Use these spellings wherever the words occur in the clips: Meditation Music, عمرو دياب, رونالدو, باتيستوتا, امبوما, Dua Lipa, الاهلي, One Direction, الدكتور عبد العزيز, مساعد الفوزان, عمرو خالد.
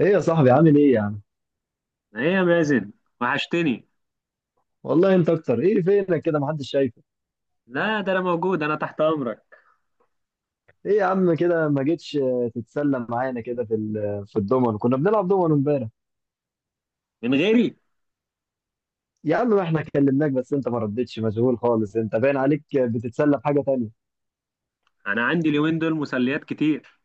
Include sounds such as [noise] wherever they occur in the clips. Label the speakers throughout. Speaker 1: ايه يا صاحبي، عامل ايه يا عم؟
Speaker 2: ايه يا مازن؟ وحشتني.
Speaker 1: والله انت اكتر، ايه فينك كده؟ محدش شايفك.
Speaker 2: لا، ده انا موجود، انا تحت امرك.
Speaker 1: ايه يا عم كده ما جيتش، تتسلى معانا كده في الضمن، كنا بنلعب ضمن امبارح.
Speaker 2: من غيري؟
Speaker 1: يا عم، ما احنا كلمناك بس انت ما ردتش، مشغول خالص انت، باين عليك بتتسلى بحاجه تانية.
Speaker 2: انا عندي اليومين دول مسليات كتير.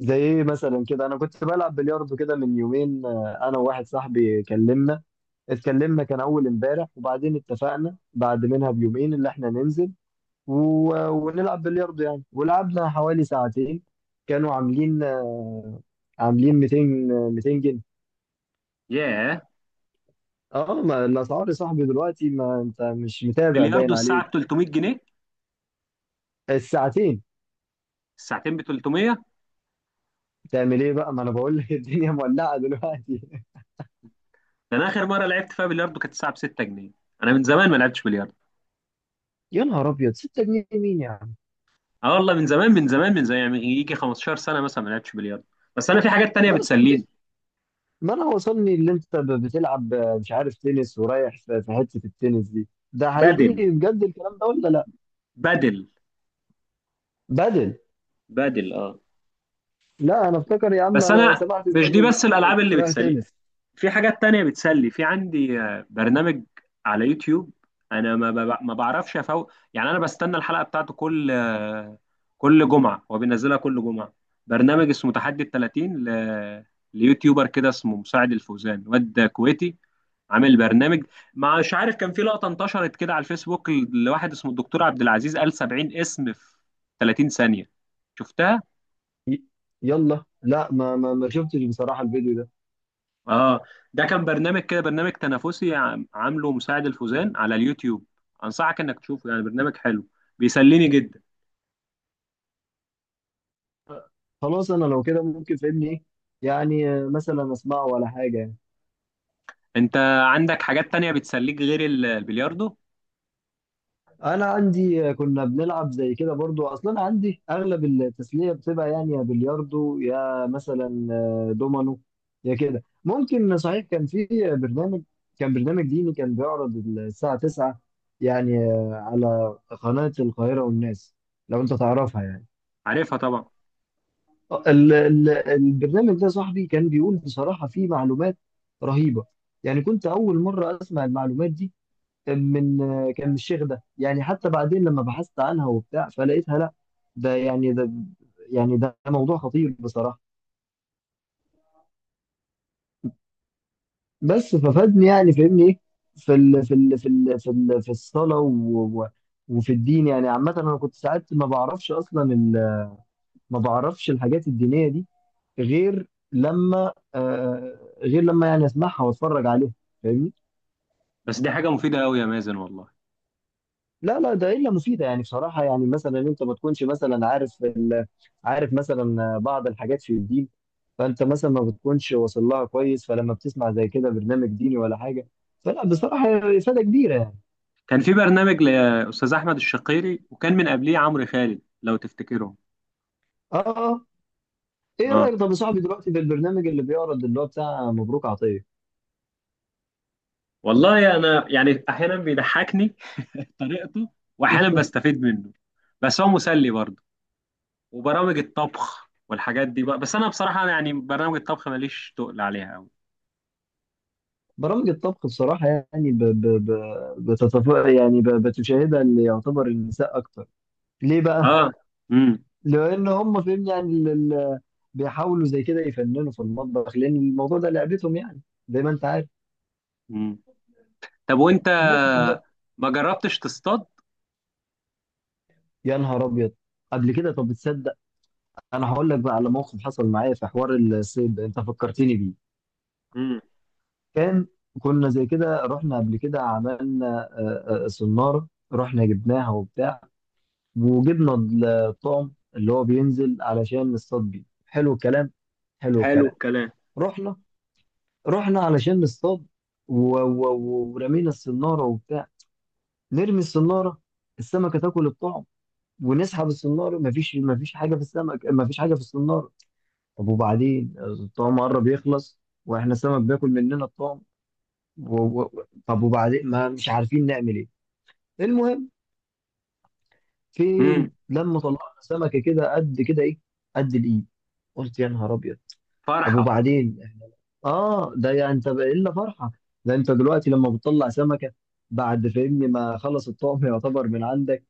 Speaker 1: زي ايه مثلا؟ كده انا كنت بلعب بلياردو كده من يومين، انا وواحد صاحبي اتكلمنا. كان اول امبارح، وبعدين اتفقنا بعد منها بيومين اللي احنا ننزل و... ونلعب بلياردو يعني. ولعبنا حوالي ساعتين. كانوا عاملين 200 جنيه.
Speaker 2: ياه،
Speaker 1: اه، ما الاسعار يا صاحبي دلوقتي، ما انت مش متابع، باين
Speaker 2: بلياردو
Speaker 1: عليك.
Speaker 2: الساعه ب 300 جنيه؟
Speaker 1: الساعتين.
Speaker 2: الساعتين ب 300.
Speaker 1: تعمل ايه بقى؟ ما انا بقول لك [laughs] الدنيا مولعه دلوقتي.
Speaker 2: ده انا اخر مره لعبت فيها بلياردو كانت الساعه ب 6 جنيه. انا من زمان ما لعبتش بلياردو.
Speaker 1: [laughs] يا نهار ابيض، 6 جنيه مين يا عم؟
Speaker 2: اه والله، من زمان من زمان من زمان، يعني يجي 15 سنه مثلا ما لعبتش بلياردو. بس انا في حاجات تانية
Speaker 1: ما انا صاحبي.
Speaker 2: بتسليني.
Speaker 1: ما انا وصلني اللي انت بتلعب، مش عارف تنس، ورايح في حته التنس دي، ده
Speaker 2: بدل
Speaker 1: حقيقي بجد الكلام ده ولا لا؟
Speaker 2: بدل
Speaker 1: بدل.
Speaker 2: بدل، اه.
Speaker 1: لا، انا افتكر يا عم،
Speaker 2: بس
Speaker 1: انا
Speaker 2: انا
Speaker 1: سمعت زي
Speaker 2: مش دي
Speaker 1: اللي
Speaker 2: بس الالعاب
Speaker 1: كنت
Speaker 2: اللي
Speaker 1: رايح
Speaker 2: بتسليني،
Speaker 1: تنس.
Speaker 2: في حاجات تانية بتسلي، في عندي برنامج على يوتيوب. انا ما بعرفش افوق، يعني انا بستنى الحلقة بتاعته كل كل جمعة، هو بينزلها كل جمعة. برنامج اسمه تحدي ال 30 ليوتيوبر كده اسمه مساعد الفوزان، واد كويتي عامل برنامج. مش عارف كان في لقطة انتشرت كده على الفيسبوك لواحد اسمه الدكتور عبد العزيز، قال 70 اسم في 30 ثانية، شفتها؟
Speaker 1: ي- يلا لا، ما شفتش بصراحه الفيديو ده.
Speaker 2: اه، ده كان برنامج كده، برنامج تنافسي عامله مساعد الفوزان على اليوتيوب. انصحك انك تشوفه، يعني برنامج حلو، بيسليني جدا.
Speaker 1: خلاص، انا لو كده ممكن، فاهمني ايه يعني، مثلا اسمعه ولا حاجه يعني.
Speaker 2: انت عندك حاجات تانية بتسليك غير البلياردو؟
Speaker 1: انا عندي، كنا بنلعب زي كده برضو، اصلا عندي اغلب التسليه بتبقى يعني يا بلياردو، يا مثلا دومينو، يا كده. ممكن صحيح كان في برنامج برنامج ديني كان بيعرض الساعه 9 يعني، على قناه القاهره والناس، لو انت تعرفها يعني.
Speaker 2: عارفها طبعا.
Speaker 1: البرنامج ده يا صاحبي كان بيقول بصراحة فيه معلومات رهيبة. يعني كنت أول مرة أسمع المعلومات دي، من من الشيخ ده يعني. حتى بعدين لما بحثت عنها وبتاع فلقيتها لا، ده يعني ده ده موضوع خطير بصراحة. بس ففادني يعني، فاهمني إيه، في الصلاة و و وفي الدين يعني عامة. أنا كنت ساعات ما بعرفش أصلا، ال- ما بعرفش الحاجات الدينية دي غير لما، يعني اسمعها واتفرج عليها، فاهمني.
Speaker 2: بس دي حاجة مفيدة قوي يا مازن، والله.
Speaker 1: لا، لا، ده الا مفيده يعني بصراحه. يعني مثلا انت ما تكونش مثلا عارف، مثلا بعض الحاجات في الدين. فانت مثلا ما بتكونش واصل لها كويس، فلما بتسمع زي كده برنامج ديني ولا حاجه، فلا بصراحه هي افاده كبيره يعني.
Speaker 2: كان في برنامج لأستاذ أحمد الشقيري، وكان من قبليه عمرو خالد، لو تفتكرهم.
Speaker 1: اه، اه، ايه
Speaker 2: اه
Speaker 1: رايك طب يا صاحبي دلوقتي بالبرنامج اللي بيعرض، اللي هو بتاع مبروك عطيه؟
Speaker 2: والله، انا يعني احيانا بيضحكني [laughs] طريقته، واحيانا بستفيد منه، بس هو مسلي برضه. وبرامج الطبخ والحاجات دي بقى، بس انا بصراحه انا يعني برامج الطبخ ماليش تقل عليها قوي.
Speaker 1: برامج الطبخ بصراحه يعني، ب... ب... ب... بتتف... يعني ب... بتشاهدها اللي يعتبر النساء اكتر، ليه بقى؟
Speaker 2: اه. امم.
Speaker 1: لان هم فاهمني يعني، بيحاولوا زي كده يفننوا في المطبخ، لان الموضوع ده لعبتهم يعني، زي ما انت عارف.
Speaker 2: امم. طب وانت،
Speaker 1: بس طب.
Speaker 2: ما جربتش تصطاد؟
Speaker 1: يا نهار ابيض، قبل كده؟ طب تصدق، انا هقول لك بقى على موقف حصل معايا في حوار الصيد ده، انت فكرتني بيه.
Speaker 2: امم.
Speaker 1: كان كنا زي كده رحنا قبل كده، عملنا صنارة، رحنا جبناها وبتاع، وجبنا الطعم اللي هو بينزل علشان نصطاد بيه. حلو الكلام، حلو
Speaker 2: حلو
Speaker 1: الكلام.
Speaker 2: الكلام.
Speaker 1: رحنا رحنا علشان نصطاد، و... ورمينا الصنارة وبتاع. نرمي الصنارة، السمكة تاكل الطعم، ونسحب الصنارة مفيش حاجة في السمك، مفيش حاجة في الصنارة. طب وبعدين الطعم قرب يخلص، واحنا السمك بياكل مننا الطعم، طب وبعدين، ما مش عارفين نعمل ايه. المهم،
Speaker 2: امم.
Speaker 1: فين لما طلعنا سمكة كده، قد كده، ايه، قد الايد. قلت يا نهار ابيض. طب
Speaker 2: فرحه.
Speaker 1: وبعدين، اه ده يعني انت بقى الا فرحه؟ ده انت دلوقتي لما بتطلع سمكه بعد فهمني ما خلص الطعم يعتبر من عندك،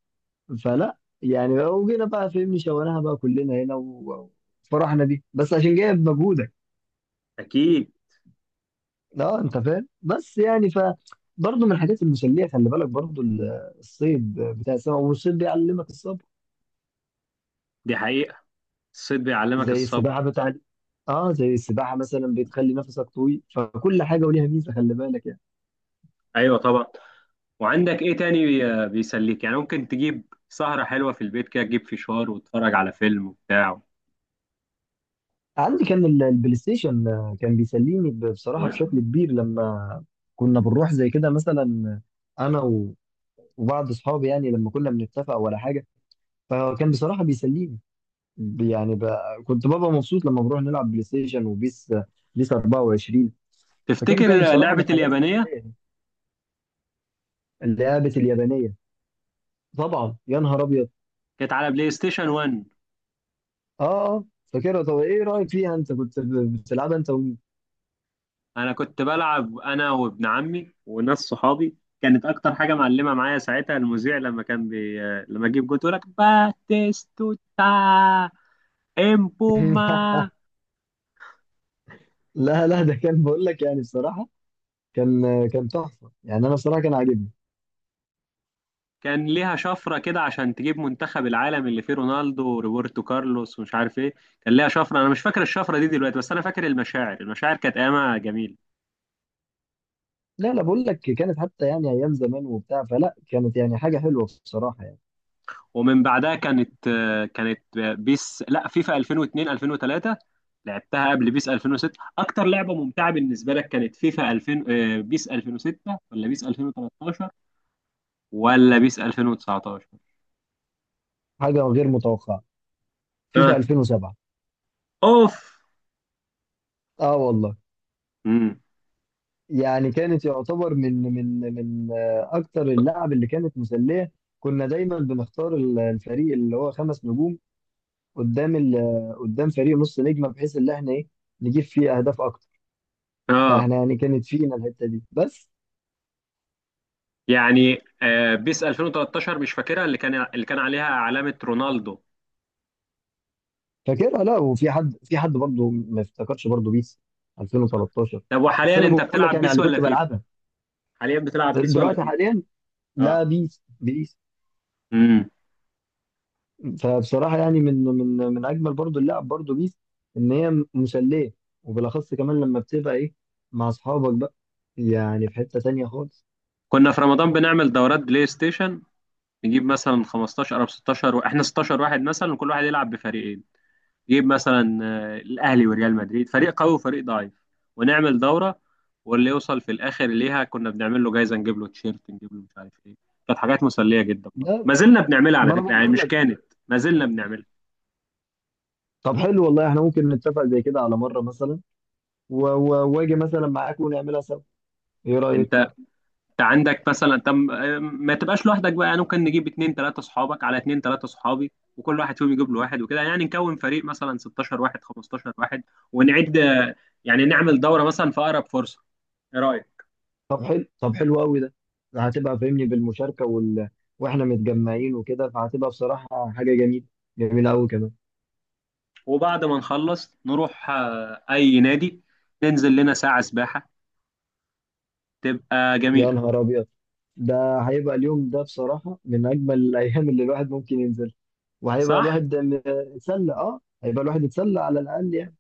Speaker 1: فلا يعني وجينا بقى فهمني شويناها بقى كلنا هنا، وفرحنا دي بس عشان جايب مجهودك.
Speaker 2: اكيد.
Speaker 1: اه انت فاهم، بس يعني برضه من الحاجات المسليه، خلي بالك برضه الصيد بتاع السمك، والصيد بيعلمك الصبر.
Speaker 2: دي حقيقه، الصيد بيعلمك
Speaker 1: زي السباحه
Speaker 2: الصبر.
Speaker 1: بتاع، اه زي السباحه مثلا بتخلي نفسك طويل، فكل حاجه وليها ميزه، خلي بالك يعني.
Speaker 2: ايوه طبعا. وعندك ايه تاني بيسليك؟ يعني ممكن تجيب سهره حلوه في البيت كده، تجيب فشار وتتفرج على فيلم وبتاع
Speaker 1: عندي كان البلاي ستيشن، كان بيسليني
Speaker 2: و...
Speaker 1: بصراحة بشكل كبير لما كنا بنروح زي كده مثلا، أنا وبعض أصحابي يعني لما كنا بنتفق ولا حاجة، فكان بصراحة بيسليني، ب- يعني ب... كنت ببقى مبسوط لما بروح نلعب بلاي ستيشن وبيس، بيس 24.
Speaker 2: تفتكر
Speaker 1: فكانت يعني بصراحة من
Speaker 2: لعبه
Speaker 1: الحاجات
Speaker 2: اليابانيه
Speaker 1: الأساسية، يعني اللعبة اليابانية طبعا، يا نهار أبيض.
Speaker 2: كانت على بلاي ستيشن 1؟
Speaker 1: آه آه، فاكرها. طب إيه رأيك فيها، أنت كنت بتلعبها أنت
Speaker 2: انا كنت بلعب انا وابن عمي وناس صحابي. كانت اكتر حاجه معلمه معايا ساعتها المذيع لما كان لما اجيب جول يقول لك باتيستوتا، امبوما.
Speaker 1: [laughs] لا، لا، ده كان بقول لك يعني بصراحة، كان كان تحفه يعني، انا بصراحه كان عاجبني.
Speaker 2: كان ليها شفره كده عشان تجيب منتخب العالم اللي فيه رونالدو وروبرتو كارلوس ومش عارف ايه. كان ليها شفره، انا مش فاكر الشفره دي دلوقتي، بس انا فاكر المشاعر، المشاعر كانت ايامها جميله.
Speaker 1: لا، لا، بقول لك كانت حتى يعني ايام زمان وبتاع، فلا كانت يعني حاجه حلوه بصراحه يعني.
Speaker 2: ومن بعدها كانت بيس، لا فيفا 2002، 2003. لعبتها قبل بيس 2006. اكتر لعبه ممتعه بالنسبه لك كانت فيفا 2000، بيس 2006، ولا بيس 2013، ولا بيس 2019؟
Speaker 1: حاجه غير متوقعه. فيفا
Speaker 2: ها.
Speaker 1: 2007.
Speaker 2: اوف.
Speaker 1: اه والله،
Speaker 2: امم.
Speaker 1: يعني كانت يعتبر من اكتر اللعب اللي كانت مسليه. كنا دايما بنختار الفريق اللي هو خمس نجوم قدام قدام فريق نص نجمه، بحيث ان احنا ايه، نجيب فيه اهداف اكتر.
Speaker 2: اه.
Speaker 1: فاحنا يعني كانت فينا الحته دي بس.
Speaker 2: يعني بيس 2013 مش فاكرها، اللي كان عليها علامه رونالدو.
Speaker 1: فاكرها؟ لا، وفي حد برضه ما افتكرش برضه بيس
Speaker 2: آه.
Speaker 1: 2013.
Speaker 2: طب وحاليا
Speaker 1: بس انا
Speaker 2: انت
Speaker 1: بقول لك
Speaker 2: بتلعب
Speaker 1: يعني على
Speaker 2: بيس
Speaker 1: اللي
Speaker 2: ولا
Speaker 1: كنت
Speaker 2: فيفا؟
Speaker 1: بلعبها.
Speaker 2: حاليا بتلعب بيس ولا
Speaker 1: دلوقتي
Speaker 2: فيفا؟
Speaker 1: حاليا؟ لا،
Speaker 2: اه.
Speaker 1: بيس، بيس.
Speaker 2: امم.
Speaker 1: فبصراحه يعني من اجمل برضه اللعب برضه بيس، ان هي مسليه، وبالاخص كمان لما بتبقى ايه، مع اصحابك بقى، يعني في حته تانيه خالص.
Speaker 2: كنا في رمضان بنعمل دورات بلاي ستيشن. نجيب مثلا 15 او 16 احنا 16 واحد مثلا، وكل واحد يلعب بفريقين. نجيب مثلا الاهلي وريال مدريد، فريق قوي وفريق ضعيف، ونعمل دوره. واللي يوصل في الاخر ليها كنا بنعمل له جايزه، نجيب له تيشيرت، نجيب له مش عارف ايه. كانت حاجات مسليه جدا، برضه
Speaker 1: لا،
Speaker 2: ما زلنا بنعملها
Speaker 1: ما
Speaker 2: على
Speaker 1: انا
Speaker 2: فكره، يعني
Speaker 1: بقول
Speaker 2: مش
Speaker 1: لك.
Speaker 2: كانت، ما زلنا بنعملها.
Speaker 1: طب حلو والله، احنا ممكن نتفق زي كده على مره مثلا، واجي مثلا معاك ونعملها سوا، ايه رايك؟
Speaker 2: انت عندك مثلا، طب ما تبقاش لوحدك بقى، يعني ممكن نجيب اتنين تلاتة صحابك على اتنين تلاتة صحابي، وكل واحد فيهم يجيب له واحد وكده، يعني نكون فريق مثلا 16 واحد، 15 واحد، ونعد، يعني نعمل دورة مثلا في أقرب فرصة. ايه رأيك؟
Speaker 1: طب حلو، طب حلو قوي ده. هتبقى فاهمني بالمشاركه، واحنا متجمعين وكده، فهتبقى بصراحه حاجه جميله، جميله قوي كمان.
Speaker 2: وبعد ما نخلص نروح أي نادي، ننزل لنا ساعة سباحة، تبقى
Speaker 1: يا
Speaker 2: جميلة.
Speaker 1: نهار ابيض، ده هيبقى اليوم ده بصراحه من اجمل الايام اللي الواحد ممكن ينزل. وهيبقى
Speaker 2: صح.
Speaker 1: الواحد م- اتسلى اه هيبقى الواحد اتسلى على الاقل يعني.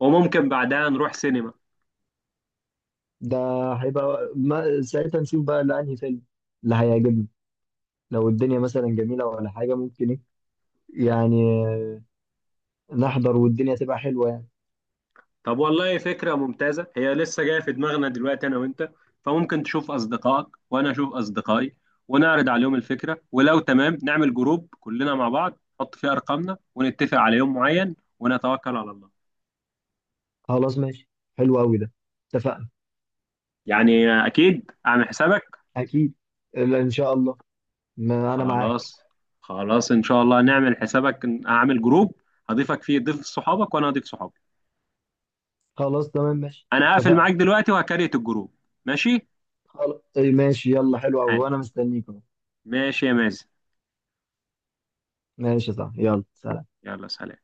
Speaker 2: وممكن بعدها نروح سينما.
Speaker 1: ده هيبقى ما... ساعتها نشوف بقى اللي انهي فيلم اللي هيعجبنا، لو الدنيا مثلا جميله ولا حاجه، ممكن ايه يعني، نحضر والدنيا تبقى حلوه يعني.
Speaker 2: طب والله فكرة ممتازة، هي لسه جاية في دماغنا دلوقتي أنا وأنت. فممكن تشوف أصدقائك وأنا أشوف أصدقائي، ونعرض عليهم الفكرة، ولو تمام نعمل جروب كلنا مع بعض، نحط فيه أرقامنا، ونتفق على يوم معين، ونتوكل على الله.
Speaker 1: خلاص ماشي، حلو قوي ده، اتفقنا.
Speaker 2: يعني أكيد أعمل حسابك.
Speaker 1: اكيد، لا ان شاء الله، ما انا معاك.
Speaker 2: خلاص، خلاص إن شاء الله نعمل حسابك، أعمل جروب هضيفك فيه، ضيف صحابك وأنا هضيف صحابي.
Speaker 1: خلاص، تمام ماشي،
Speaker 2: أنا هقفل
Speaker 1: اتفقنا.
Speaker 2: معاك دلوقتي وهكريت الجروب. ماشي.
Speaker 1: خلاص إيه، ماشي، يلا حلو قوي
Speaker 2: حال،
Speaker 1: وانا مستنيك اهو.
Speaker 2: ماشي يا مازن.
Speaker 1: ماشي صح، يلا سلام.
Speaker 2: يلا سلام.